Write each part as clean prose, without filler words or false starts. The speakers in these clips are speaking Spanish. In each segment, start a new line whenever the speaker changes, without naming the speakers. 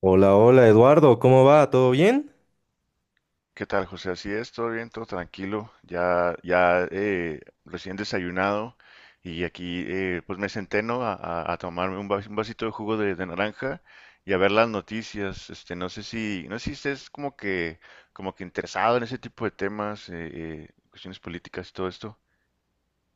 Hola, hola Eduardo, ¿cómo va? ¿Todo bien?
¿Qué tal, José? Así es, todo bien, todo tranquilo. Ya, recién desayunado y aquí pues me senté, ¿no? A tomarme un vasito de jugo de naranja y a ver las noticias. No sé si estés como que interesado en ese tipo de temas, cuestiones políticas y todo esto.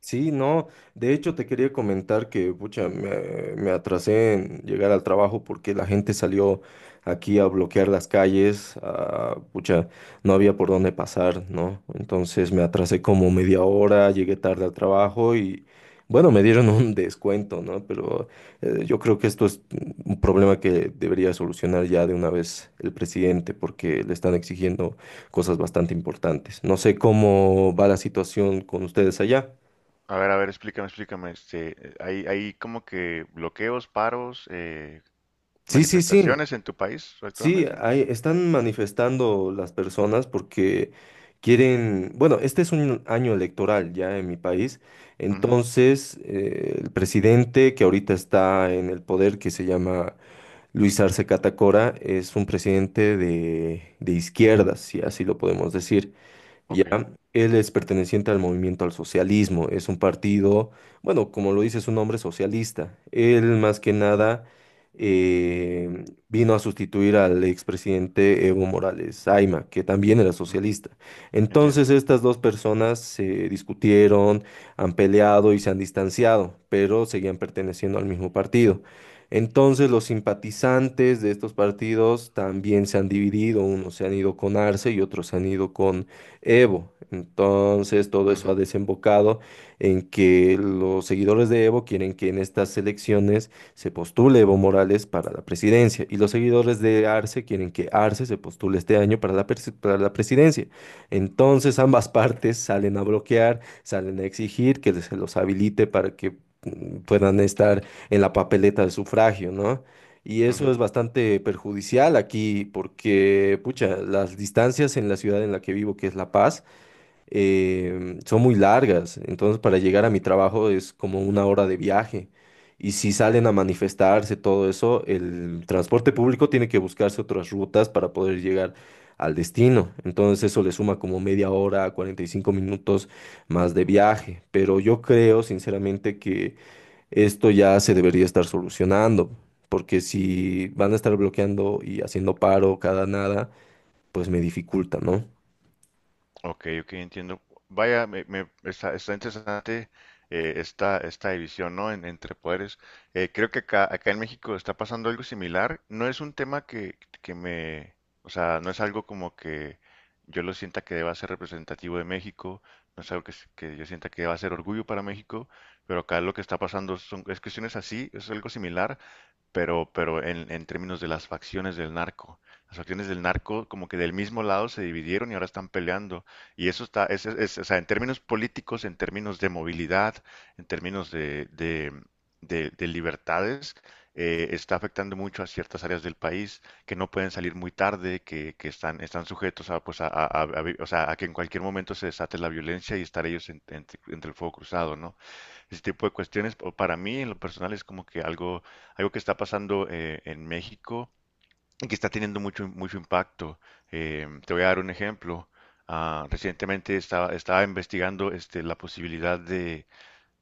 Sí, no, de hecho te quería comentar que, pucha, me atrasé en llegar al trabajo porque la gente salió aquí a bloquear las calles, ah, pucha, no había por dónde pasar, ¿no? Entonces me atrasé como media hora, llegué tarde al trabajo y, bueno, me dieron un descuento, ¿no? Pero yo creo que esto es un problema que debería solucionar ya de una vez el presidente porque le están exigiendo cosas bastante importantes. No sé cómo va la situación con ustedes allá.
A ver, explícame, explícame. Hay como que bloqueos, paros,
Sí, sí, sí,
manifestaciones en tu país
sí,
actualmente.
ahí están manifestando las personas porque quieren, bueno, este es un año electoral ya en mi país,
Ujú,
entonces el presidente que ahorita está en el poder, que se llama Luis Arce Catacora, es un presidente de izquierdas, si así lo podemos decir. Ya,
ok,
él es perteneciente al movimiento al socialismo, es un partido, bueno, como lo dice su nombre, socialista. Él más que nada vino a sustituir al expresidente Evo Morales Aima, que también era
ujú,
socialista.
entiendo.
Entonces estas dos personas se discutieron, han peleado y se han distanciado, pero seguían perteneciendo al mismo partido. Entonces los simpatizantes de estos partidos también se han dividido, unos se han ido con Arce y otros se han ido con Evo. Entonces, todo eso ha
Ujú,
desembocado en que los seguidores de Evo quieren que en estas elecciones se postule Evo Morales para la presidencia y los seguidores de Arce quieren que Arce se postule este año para la, para la presidencia. Entonces, ambas partes salen a bloquear, salen a exigir que se los habilite para que puedan estar en la papeleta de sufragio, ¿no? Y eso es
ujú.
bastante perjudicial aquí porque, pucha, las distancias en la ciudad en la que vivo, que es La Paz, son muy largas. Entonces, para llegar a mi trabajo es como una hora de viaje. Y si salen a manifestarse, todo eso, el transporte público tiene que buscarse otras rutas para poder llegar al destino. Entonces, eso le suma como media hora, 45 minutos más de viaje. Pero yo creo, sinceramente, que esto ya se debería estar solucionando, porque si van a estar bloqueando y haciendo paro cada nada, pues me dificulta, ¿no?
Ok, ok, entiendo. Vaya, está, está interesante esta división, ¿no? Entre poderes. Creo que acá en México está pasando algo similar. No es un tema o sea, no es algo como que yo lo sienta que deba ser representativo de México, no es algo que yo sienta que deba ser orgullo para México, pero acá lo que está pasando es cuestiones así, es algo similar pero en términos de las facciones del narco. Las facciones del narco, como que del mismo lado, se dividieron y ahora están peleando. Y eso está, es- o sea, en términos políticos, en términos de movilidad, en términos de libertades, está afectando mucho a ciertas áreas del país que no pueden salir muy tarde, que están, están sujetos a, o sea, a que en cualquier momento se desate la violencia y estar ellos entre el fuego cruzado, ¿no? Ese tipo de cuestiones, o para mí en lo personal es como que algo que está pasando en México y que está teniendo mucho, mucho impacto. Te voy a dar un ejemplo. Ah, recientemente estaba investigando, este, la posibilidad de,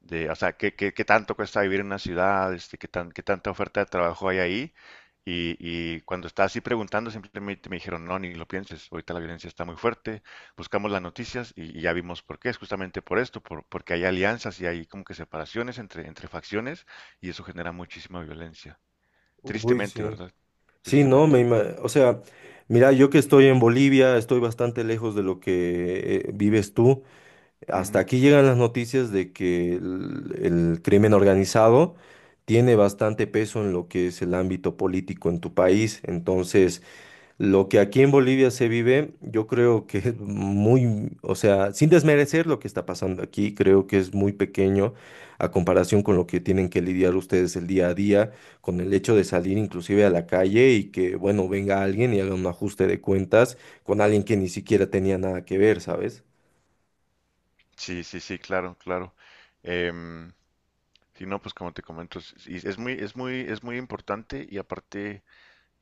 de, o sea, qué tanto cuesta vivir en una ciudad, este, qué tanta oferta de trabajo hay ahí. Y cuando estaba así preguntando, simplemente me dijeron, no, ni lo pienses, ahorita la violencia está muy fuerte, buscamos las noticias y ya vimos por qué, es justamente por esto, porque hay alianzas y hay como que separaciones entre facciones y eso genera muchísima violencia.
Uy,
Tristemente,
sí.
¿verdad?
Sí, no, me,
Tristemente.
o sea, mira, yo que estoy en Bolivia, estoy bastante lejos de lo que vives tú. Hasta
Ujú.
aquí llegan las noticias de que el crimen organizado tiene bastante peso en lo que es el ámbito político en tu país. Entonces, lo que aquí en Bolivia se vive, yo creo que es muy, o sea, sin desmerecer lo que está pasando aquí, creo que es muy pequeño a comparación con lo que tienen que lidiar ustedes el día a día, con el hecho de salir inclusive a la calle y que, bueno, venga alguien y haga un ajuste de cuentas con alguien que ni siquiera tenía nada que ver, ¿sabes?
Sí, sí, sí, claro, claro. Em, si no, pues como te comento, es, y es muy, es muy, es muy importante. Y aparte,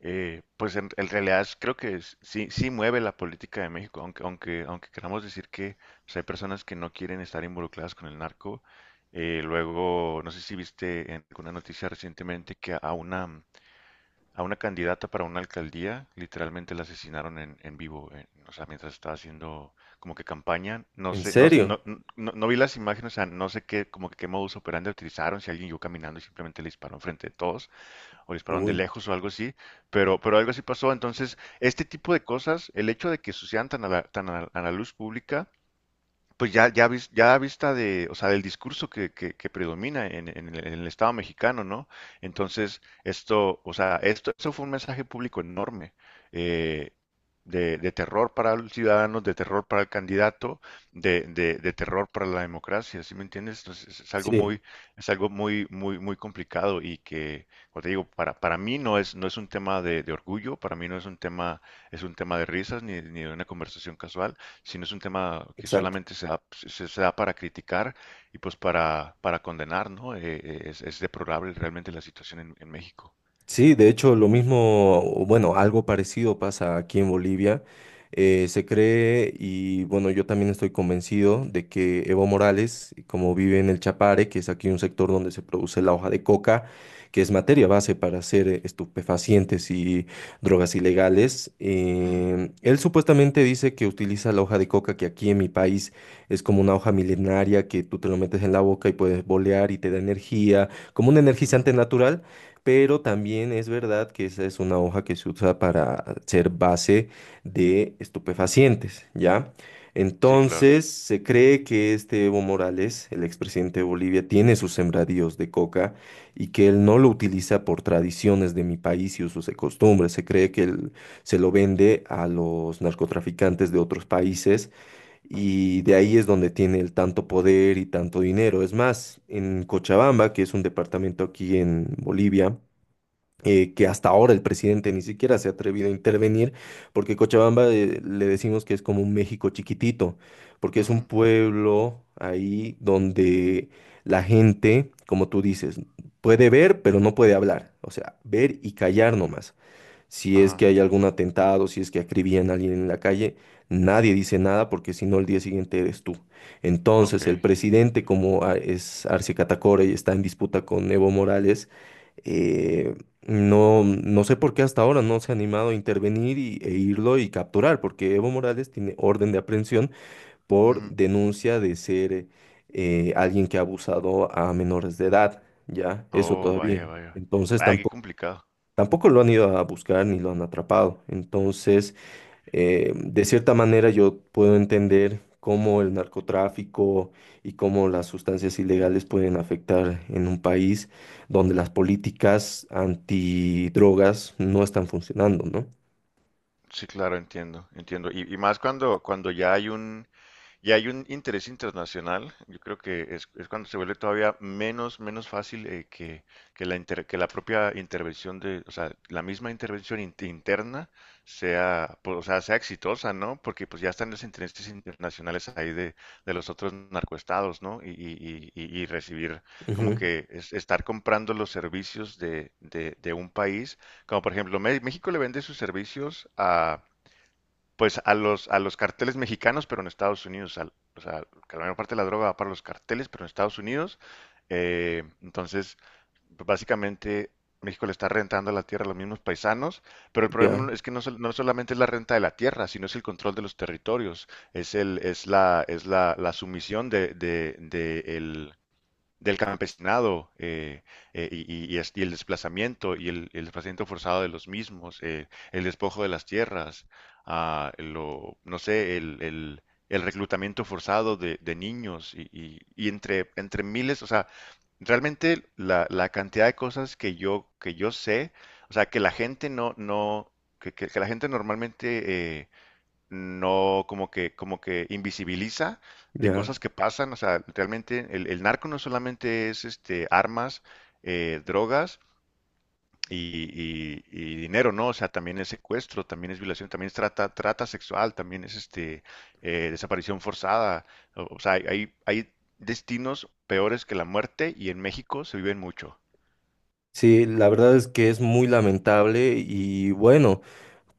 Pues en realidad creo que sí, sí mueve la política de México, aunque queramos decir que, pues, hay personas que no quieren estar involucradas con el narco. Luego, no sé si viste en alguna noticia recientemente que a a una candidata para una alcaldía literalmente la asesinaron en vivo, o sea, mientras estaba haciendo como que campaña. No
¿En
sé, no,
serio?
no, no, no vi las imágenes, o sea, no sé qué, como que qué modus operandi utilizaron, si alguien iba caminando y simplemente le disparó enfrente de todos o dispararon de
Uy,
lejos o algo así, pero algo así pasó. Entonces, este tipo de cosas, el hecho de que sucedan tan a la, a la luz pública, pues ya a vista de, o sea, del discurso que predomina en el Estado mexicano, ¿no? Entonces, esto, o sea, esto fue un mensaje público enorme, eh, de terror para los ciudadanos, de terror para el candidato, de terror para la democracia. ¿Sí me entiendes? Entonces,
sí,
es algo muy, muy, muy complicado y que, como te digo, para mí no no es un tema de orgullo, para mí no es un tema, es un tema de risas ni ni de una conversación casual, si no es un tema que
exacto.
solamente se da, se da para criticar y pues para condenar, ¿no? Es deplorable realmente la situación en México.
Sí, de hecho, lo mismo, o bueno, algo parecido pasa aquí en Bolivia. Se cree, y bueno, yo también estoy convencido de que Evo Morales, como vive en el Chapare, que es aquí un sector donde se produce la hoja de coca, que es materia base para hacer estupefacientes y drogas ilegales,
Ujú,
él supuestamente dice que utiliza la hoja de coca, que aquí en mi país es como una hoja milenaria que tú te lo metes en la boca y puedes bolear y te da energía, como un
ujú.
energizante natural. Pero también es verdad que esa es una hoja que se usa para ser base de estupefacientes, ¿ya?
Sí, claro.
Entonces, se cree que este Evo Morales, el expresidente de Bolivia, tiene sus sembradíos de coca y que él no lo utiliza por tradiciones de mi país y usos y costumbres. Se cree que él se lo vende a los narcotraficantes de otros países y de ahí es donde tiene el tanto poder y tanto dinero. Es más, en Cochabamba, que es un departamento aquí en Bolivia, que hasta ahora el presidente ni siquiera se ha atrevido a intervenir, porque Cochabamba le decimos que es como un México chiquitito, porque es un
Ujú,
pueblo ahí donde la gente, como tú dices, puede ver, pero no puede hablar, o sea, ver y callar nomás. Si es que
Ajá,
hay algún atentado, si es que acribillan a alguien en la calle, nadie dice nada porque si no el día siguiente eres tú.
ok.
Entonces el presidente, como es Arce Catacora y está en disputa con Evo Morales, eh, no, no sé por qué hasta ahora no se ha animado a intervenir y, e irlo y capturar, porque Evo Morales tiene orden de aprehensión por
Ujú.
denuncia de ser alguien que ha abusado a menores de edad, ¿ya? Eso
Oh,
todavía.
vaya, vaya.
Entonces
Vaya, qué
tampoco...
complicado.
Tampoco lo han ido a buscar ni lo han atrapado. Entonces, de cierta manera yo puedo entender cómo el narcotráfico y cómo las sustancias ilegales pueden afectar en un país donde las políticas antidrogas no están funcionando, ¿no?
Sí, claro, entiendo, entiendo. Y más cuando, cuando ya hay y hay un interés internacional, yo creo que es cuando se vuelve todavía menos, menos fácil, que que la propia intervención de, o sea, la misma intervención interna sea, pues, o sea, sea exitosa, ¿no? Porque pues ya están los intereses internacionales ahí de los otros narcoestados, ¿no? Y recibir como
Ujú,
que estar comprando los servicios de un país, como por ejemplo, México le vende sus servicios a, pues a a los carteles mexicanos, pero en Estados Unidos. Al- o sea, que la mayor parte de la droga va para los carteles, pero en Estados Unidos. Entonces, pues, básicamente México le está rentando la tierra a los mismos paisanos, pero el
ya,
problema es que no solamente es la renta de la tierra, sino es el control de los territorios, es el, es la, la sumisión del campesinado, y el desplazamiento y desplazamiento forzado de los mismos, el despojo de las tierras, ah, lo, no sé, el reclutamiento forzado de niños y entre, entre miles, o sea, realmente la, la cantidad de cosas que yo sé, o sea, que la gente no, no, que la gente normalmente no como que, como que invisibiliza de
ya.
cosas que pasan. O sea, realmente el narco no solamente es este armas, drogas y dinero, ¿no? O sea, también es secuestro, también es violación, también es trata, trata sexual, también es este, desaparición forzada. O sea, hay destinos peores que la muerte y en México se viven mucho.
Sí, la verdad es que es muy lamentable y bueno.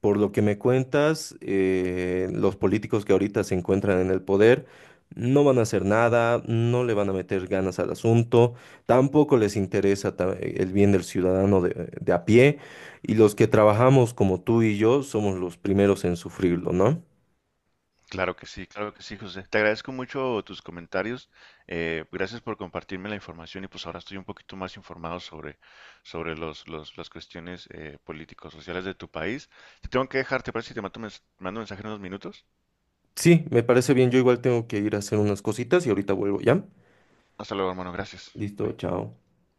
Por lo que me cuentas, los políticos que ahorita se encuentran en el poder no van a hacer nada, no le van a meter ganas al asunto, tampoco les interesa el bien del ciudadano de a pie, y los que trabajamos como tú y yo somos los primeros en sufrirlo, ¿no?
Claro que sí, José. Te agradezco mucho tus comentarios. Gracias por compartirme la información y pues ahora estoy un poquito más informado sobre las cuestiones políticos, sociales de tu país. Te tengo que dejar. ¿Te parece si te mando mando un mensaje en unos minutos?
Sí, me parece bien, yo igual tengo que ir a hacer unas cositas y ahorita vuelvo, ¿ya?
Hasta luego, hermano. Gracias.
Listo,
Bye.
chao.